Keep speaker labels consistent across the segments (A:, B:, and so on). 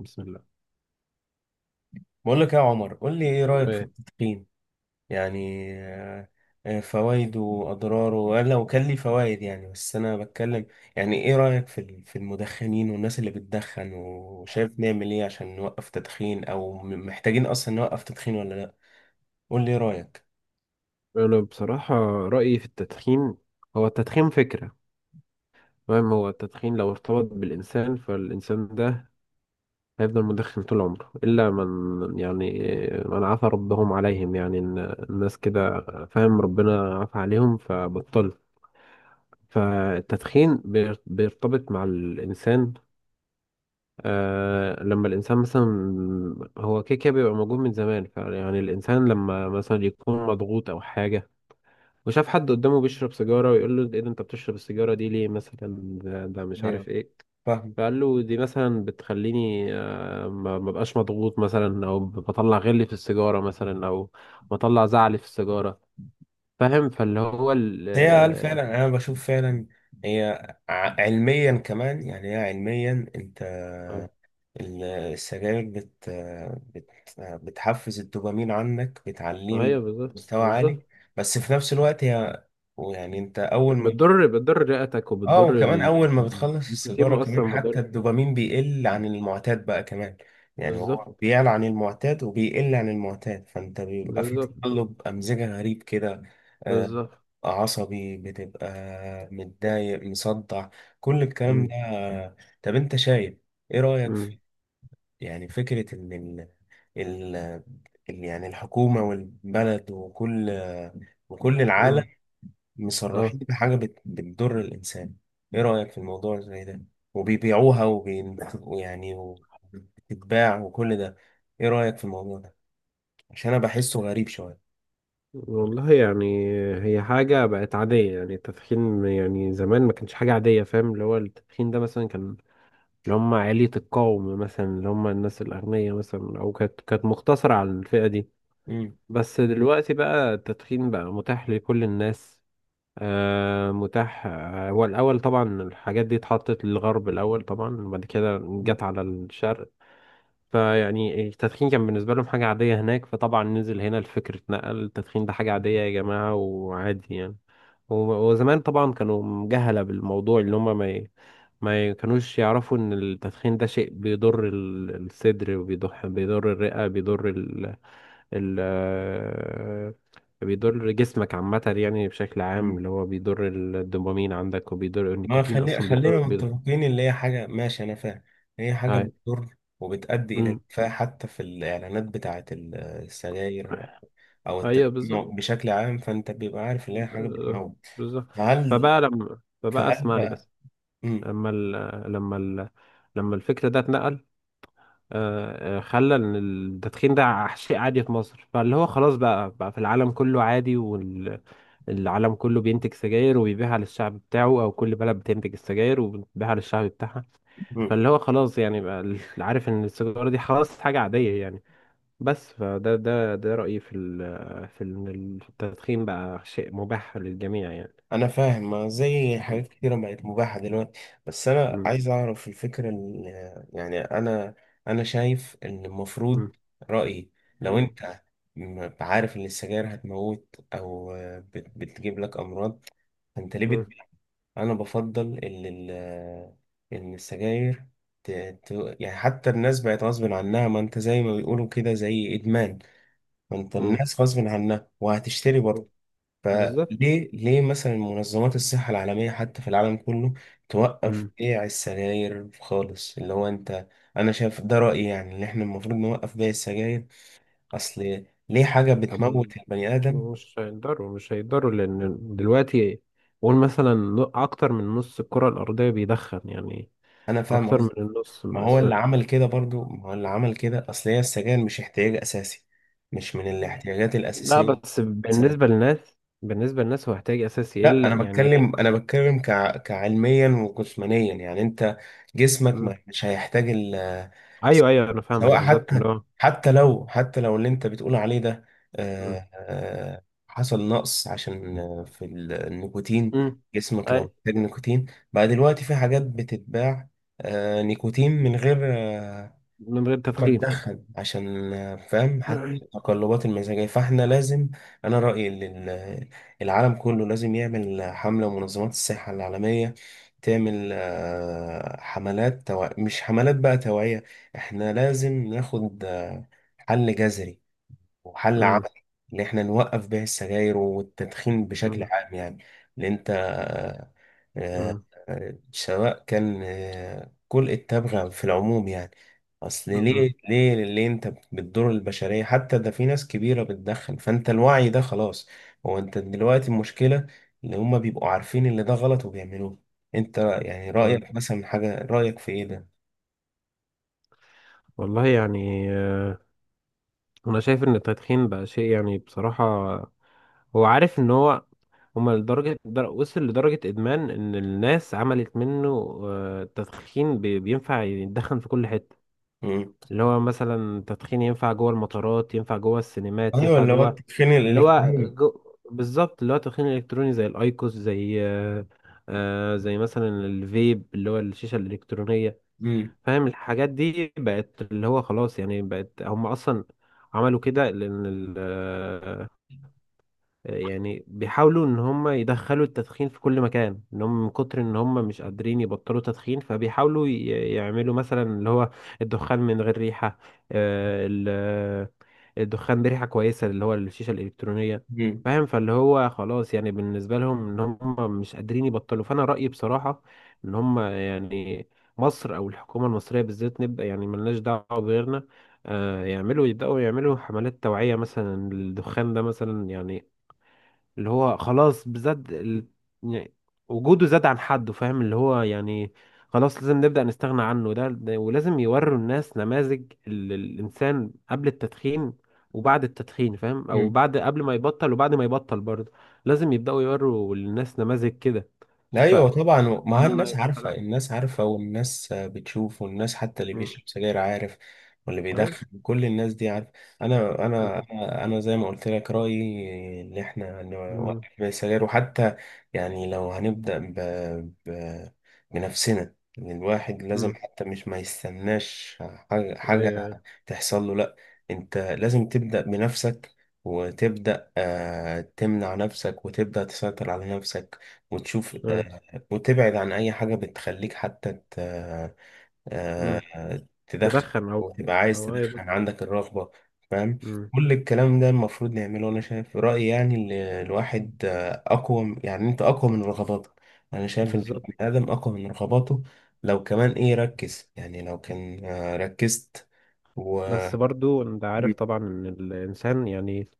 A: بسم الله.
B: بقول لك يا عمر، قول لي ايه رأيك في التدخين؟ يعني آه، فوائده واضراره. انا لو كان لي فوائد، يعني بس انا بتكلم. يعني ايه رأيك في في المدخنين والناس اللي بتدخن؟ وشايف نعمل ايه عشان نوقف تدخين، او محتاجين اصلا نوقف تدخين ولا لا؟ قول لي ايه رأيك.
A: أنا بصراحة رأيي في التدخين، هو التدخين فكرة. فاهم؟ هو التدخين لو ارتبط بالإنسان فالإنسان ده هيفضل مدخن طول عمره، إلا من يعني من عفى ربهم عليهم، يعني إن الناس كده. فاهم؟ ربنا عفى عليهم فبطل. فالتدخين بيرتبط مع الإنسان. لما الإنسان مثلا، هو كده كده بيبقى موجود من زمان، فيعني الإنسان لما مثلا يكون مضغوط أو حاجة وشاف حد قدامه بيشرب سيجارة ويقول له ايه ده، انت بتشرب السيجارة دي ليه مثلا، ده مش
B: ايوه،
A: عارف ايه.
B: فاهمك.
A: فقال له دي مثلا بتخليني ما بقاش مضغوط مثلا، او بطلع غلي في السيجارة مثلا، او بطلع زعلي في السيجارة. فاهم؟ فاللي هو ال
B: هي هل
A: آه،
B: فعلا، انا بشوف فعلا هي علميا كمان، يعني هي علميا انت
A: آه،
B: السجاير بت بت بتحفز الدوبامين عندك، بتعليه
A: ايوه بالظبط
B: لمستوى عالي.
A: بالظبط.
B: بس في نفس الوقت هي، ويعني انت اول ما
A: بتضر رئتك
B: اه.
A: وبتضر
B: وكمان اول ما بتخلص
A: النيكوتين
B: السيجارة
A: اصلا
B: كمان، حتى
A: مضر.
B: الدوبامين بيقل عن المعتاد بقى كمان. يعني
A: بالظبط
B: هو بيعلى عن المعتاد وبيقل عن المعتاد، فانت بيبقى في
A: بالظبط
B: تقلب امزجة غريب كده. آه،
A: بالظبط.
B: عصبي بتبقى، متضايق، مصدع، كل الكلام
A: مم،
B: ده. طب انت شايف ايه رأيك في،
A: مم،
B: يعني فكرة ان ال... يعني الحكومة والبلد وكل العالم
A: مم. اه.
B: مصرحين بحاجة بتضر الإنسان؟ إيه رأيك في الموضوع زي ده؟ وبيبيعوها وبي... ويعني وبتتباع وكل ده. إيه رأيك في الموضوع ده؟ عشان أنا بحسه غريب شوية.
A: والله يعني هي حاجة بقت عادية يعني التدخين. يعني زمان ما كانش حاجة عادية، فاهم؟ اللي هو التدخين ده مثلا كان اللي هم عالية القوم مثلا، اللي هم الناس الأغنياء مثلا، أو كانت مقتصرة على الفئة دي.
B: مم.
A: بس دلوقتي بقى التدخين بقى متاح لكل الناس. متاح. هو الأول طبعا الحاجات دي اتحطت للغرب الأول طبعا، وبعد كده
B: مم.
A: جت على الشرق. فيعني التدخين كان بالنسبة لهم حاجة عادية هناك، فطبعا نزل هنا الفكر، اتنقل التدخين ده حاجة عادية يا جماعة وعادي يعني. و- وزمان طبعا كانوا مجهلة بالموضوع، اللي هم ما ي- ما ي- كانوش يعرفوا ان التدخين ده شيء بيضر الصدر، وبيضر الرئة، بيضر ال ال آه، بيضر جسمك عامة يعني، بشكل
B: مم.
A: عام اللي هو بيضر الدوبامين عندك، وبيضر،
B: ما
A: النيكوتين اصلا
B: خلينا
A: بيضر.
B: متفقين اللي هي حاجة، ماشي أنا فاهم. هي حاجة
A: هاي.
B: بتضر وبتؤدي إلى
A: مم.
B: الإدفاع، حتى في الإعلانات بتاعة السجاير أو
A: ايوه بالظبط.
B: التدخين بشكل عام. فأنت بيبقى عارف اللي هي حاجة
A: ب-
B: بتموت.
A: بالظبط.
B: فهل
A: فبقى
B: فهل
A: اسمعني
B: بقى.
A: بس.
B: مم.
A: لما ال... لما ال... لما الفكر ده اتنقل. خلى ان التدخين ده شيء عادي في مصر، فاللي هو خلاص بقى في العالم كله عادي، والعالم كله بينتج سجاير وبيبيعها للشعب بتاعه، او كل بلد بتنتج السجاير وبتبيعها للشعب بتاعها.
B: مم.
A: فاللي هو خلاص يعني بقى عارف ان السيجارة دي خلاص حاجة عادية يعني. بس فده ده ده رأيي في إن التدخين بقى شيء مباح للجميع يعني.
B: انا فاهم، ما زي حاجات كتيره بقت مباحه دلوقتي. بس انا
A: مم.
B: عايز اعرف الفكره يعني انا شايف ان المفروض،
A: مم.
B: رايي، لو
A: مم.
B: انت عارف ان السجاير هتموت، او بتجيب لك امراض، فانت ليه
A: مم.
B: بتبيع؟ انا بفضل ان ان السجاير ت- يعني حتى الناس بقت غصب عنها. ما انت زي ما بيقولوا كده زي ادمان، ما انت
A: مم.
B: الناس غصب عنها وهتشتري برضه.
A: بالظبط.
B: فليه، مثلا منظمات الصحة العالمية حتى في العالم كله، توقف
A: مم.
B: بيع السجاير خالص؟ اللي هو انت، انا شايف ده رأيي، يعني ان احنا المفروض نوقف بيع السجاير. اصل ليه حاجة
A: هما
B: بتموت البني آدم؟
A: مش هيقدروا لأن دلوقتي، قول مثلا، أكتر من نص الكرة الأرضية بيدخن يعني.
B: انا فاهم
A: أكتر من
B: قصدي.
A: النص.
B: ما هو اللي
A: ف-
B: عمل كده برضو، ما هو اللي عمل كده، اصل هي السجاير مش احتياج اساسي، مش من الاحتياجات
A: لا،
B: الأساسية.
A: بس بالنسبة للناس هو احتياج أساسي،
B: لا
A: إلا
B: انا
A: يعني.
B: بتكلم، انا بتكلم كعلميا وجسمانيا. يعني انت جسمك
A: مم.
B: مش هيحتاج ال...
A: أيوه أيوه أنا فاهمك
B: سواء
A: بالظبط إن
B: حتى،
A: هو.
B: حتى لو، اللي انت بتقول عليه ده،
A: مم.
B: حصل نقص عشان في النيكوتين.
A: مم.
B: جسمك لو
A: أي.
B: محتاج نيكوتين، بقى دلوقتي في حاجات بتتباع، نيكوتين من غير
A: من غير
B: ما
A: تدخين.
B: تدخل عشان فاهم حتى
A: مم.
B: التقلبات المزاجية. فاحنا لازم، أنا رأيي إن العالم كله لازم يعمل حملة. منظمات الصحة العالمية تعمل حملات مش حملات بقى توعية، احنا لازم ناخد حل جذري وحل
A: مم.
B: عملي، ان احنا نوقف بيع السجاير والتدخين بشكل عام يعني. لان انت، آه،
A: مم.
B: سواء كان كل التبغ في العموم يعني. اصل
A: مم.
B: ليه، انت بتضر البشرية؟ حتى ده في ناس كبيرة بتدخن، فانت الوعي ده خلاص. هو انت دلوقتي المشكلة اللي هما بيبقوا عارفين اللي ده غلط وبيعملوه. انت يعني رأيك مثلا حاجة، رأيك في ايه ده؟
A: والله يعني انا شايف ان التدخين بقى شيء يعني بصراحة هو عارف ان هو، هما لدرجة، وصل لدرجة ادمان، ان الناس عملت منه تدخين. بينفع يتدخن في كل حتة،
B: مم.
A: اللي هو مثلا تدخين ينفع جوه المطارات، ينفع جوه السينمات،
B: ايوه
A: ينفع
B: اللي هو
A: جوه
B: التدخين
A: اللي هو
B: الالكتروني.
A: جو... بالظبط. اللي هو التدخين الالكتروني زي الايكوس، زي آه، آه، زي مثلا الفيب، اللي هو الشيشة الالكترونية.
B: مم.
A: فاهم؟ الحاجات دي بقت اللي هو خلاص يعني، بقت، هم اصلا عملوا كده لان يعني بيحاولوا ان هم يدخلوا التدخين في كل مكان، ان هم من كتر ان هم مش قادرين يبطلوا تدخين، فبيحاولوا يعملوا مثلا اللي هو الدخان من غير ريحة، آه، ال- الدخان بريحة كويسة اللي هو الشيشة الإلكترونية.
B: مم.
A: فاهم؟ فاللي هو خلاص يعني بالنسبة لهم، ان هم مش قادرين يبطلوا. فانا رأيي بصراحة ان هم يعني، مصر او الحكومة المصرية بالذات، نبقى يعني ملناش دعوة بغيرنا، يبدأوا يعملوا حملات توعية مثلا، الدخان ده مثلا يعني اللي هو خلاص يعني وجوده زاد عن حده. فاهم؟ اللي هو يعني خلاص لازم نبدأ نستغنى عنه. ده ولازم يوروا الناس نماذج الإنسان قبل التدخين وبعد التدخين. فاهم؟ أو
B: مم.
A: بعد، قبل ما يبطل وبعد ما يبطل برضه، لازم يبدأوا يوروا للناس نماذج كده. ف
B: ايوه طبعا، ما هي
A: أنا
B: الناس
A: ما
B: عارفه،
A: أنا-
B: الناس عارفه، والناس بتشوف، والناس حتى اللي
A: مم.
B: بيشرب سجاير عارف، واللي
A: أيوه.
B: بيدخن كل الناس دي عارفه. انا انا انا زي ما قلت لك رايي، ان احنا
A: مم.
B: نوقف بيع السجاير. وحتى يعني لو ب... بنفسنا، إن الواحد لازم
A: مم.
B: حتى مش ما يستناش
A: أيوه أيوه
B: حاجة تحصل له، لا، انت لازم تبدا بنفسك، وتبدا تمنع نفسك، وتبدا تسيطر على نفسك، وتشوف
A: أيوه.
B: وتبعد عن أي حاجة بتخليك حتى ت... آه،
A: مم.
B: تدخن،
A: تدخن. أو
B: أو تبقى عايز
A: أو أيوه.
B: تدخن، عندك الرغبة، فاهم.
A: مم.
B: كل الكلام ده المفروض نعمله أنا شايف في رأيي. يعني الواحد أقوى يعني، أنت أقوى من رغباتك. أنا شايف إن
A: بالظبط.
B: البني آدم أقوى من رغباته، لو كمان إيه ركز، يعني لو كان ركزت و.
A: بس برضو انت
B: مم.
A: عارف طبعا ان الانسان يعني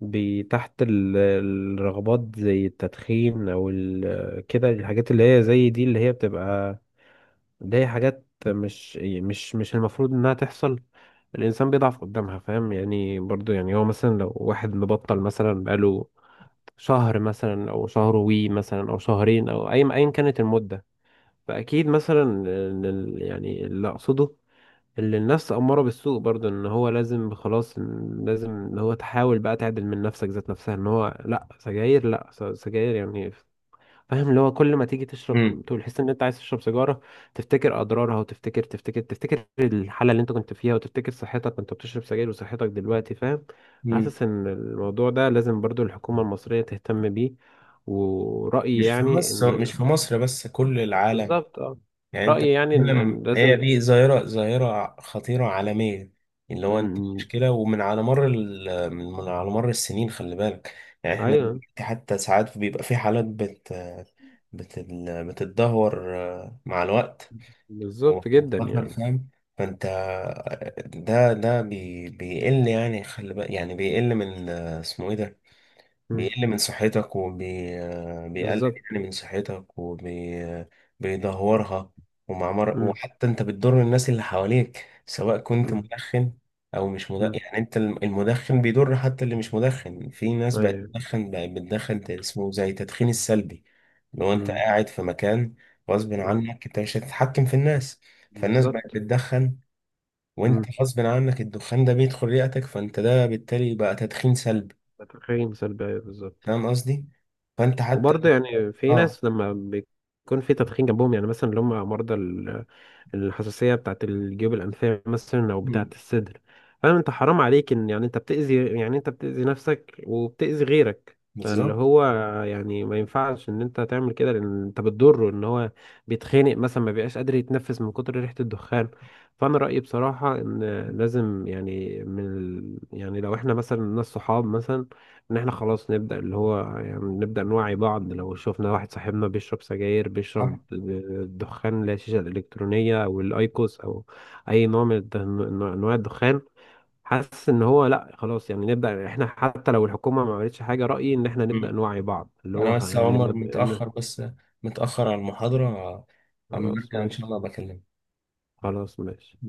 A: تحت الرغبات زي التدخين، او كده الحاجات اللي هي زي دي، اللي هي بتبقى اللي هي حاجات مش المفروض انها تحصل، الانسان بيضعف قدامها. فاهم يعني؟ برضو يعني، هو مثلا لو واحد مبطل مثلا بقاله شهر مثلا، او شهر وي مثلا، او شهرين، او اي ايا كانت المدة، فاكيد مثلا يعني اللي اقصده، اللي الناس أمارة بالسوء برضه، إن هو لازم خلاص، إن لازم إن هو تحاول بقى تعدل من نفسك ذات نفسها، إن هو لأ سجاير، لأ سجاير يعني. فاهم؟ اللي هو كل ما تيجي
B: مم.
A: تشرب تقول تحس إن أنت عايز تشرب سيجارة، تفتكر أضرارها، وتفتكر تفتكر تفتكر الحالة اللي أنت كنت فيها، وتفتكر صحتك وأنت بتشرب سجاير وصحتك دلوقتي. فاهم؟
B: مم.
A: حاسس إن الموضوع ده لازم برضه الحكومة المصرية تهتم بيه. ورأيي
B: مش في
A: يعني
B: مصر،
A: إن،
B: بس كل العالم.
A: بالظبط. أه.
B: يعني انت
A: رأيي يعني إن
B: بتتكلم، هي
A: لازم.
B: دي ظاهرة، ظاهرة خطيرة عالمية. اللي
A: م-
B: هو انت
A: م-
B: مشكلة، ومن على مر من على مر السنين، خلي بالك. يعني احنا
A: أيوه
B: دلوقتي حتى ساعات بيبقى في حالات بت بت بتتدهور مع الوقت،
A: بالظبط جدا
B: وخطر،
A: يعني.
B: فاهم. فانت ده، بيقل، يعني خلي بالك يعني بيقل من، اسمه ايه ده،
A: مم.
B: بيقل من صحتك، وبيقلل
A: بالظبط.
B: يعني من صحتك، وبيدهورها.
A: مم.
B: وحتى انت بتضر الناس اللي حواليك، سواء كنت
A: مم.
B: مدخن او مش مدخن.
A: مم.
B: يعني انت المدخن بيضر حتى اللي مش مدخن. في ناس بقت
A: ايوه.
B: تدخن، اسمه زي التدخين السلبي. لو انت
A: مم.
B: قاعد في مكان، غصب
A: مم.
B: عنك انت مش هتتحكم في الناس، فالناس بقت
A: بالظبط.
B: بتدخن، وانت
A: مم.
B: غصب عنك الدخان ده بيدخل رئتك، فانت ده بالتالي بقى تدخين سلبي.
A: تدخين سلبي، ايوه بالظبط.
B: فاهم قصدي؟ فانت حتى
A: وبرضه يعني في
B: اه.
A: ناس لما بيكون في تدخين جنبهم، يعني مثلا اللي هم مرضى الحساسية بتاعت الجيوب الأنفية مثلا أو
B: مم.
A: بتاعت الصدر، فاهم؟ أنت حرام عليك إن يعني أنت بتأذي، يعني أنت بتأذي نفسك وبتأذي غيرك. فاللي
B: بالظبط.
A: هو يعني ما ينفعش إن أنت تعمل كده، لأن أنت بتضره إن هو بيتخانق مثلا، ما بيبقاش قادر يتنفس من كتر ريحة الدخان. فأنا رأيي بصراحة إن لازم يعني، يعني لو إحنا مثلا ناس صحاب مثلا، إن إحنا خلاص نبدأ اللي هو يعني نبدأ نوعي بعض، لو شفنا واحد صاحبنا بيشرب سجاير، بيشرب
B: صح.
A: دخان اللي هي الشيشة الإلكترونية أو الأيكوس أو أي نوع من أنواع الدخان، حاسس إن هو لأ خلاص، يعني نبدأ إحنا حتى لو الحكومة ما عملتش حاجة. رأيي إن إحنا نبدأ
B: مم.
A: نوعي بعض، اللي
B: انا
A: هو
B: بس يا
A: يعني اللي
B: عمر
A: ما ب- اللي-
B: متاخر، بس متاخر على المحاضره. اما
A: خلاص
B: ارجع ان شاء
A: ماشي.
B: الله بكلمك.
A: خلاص ماشي.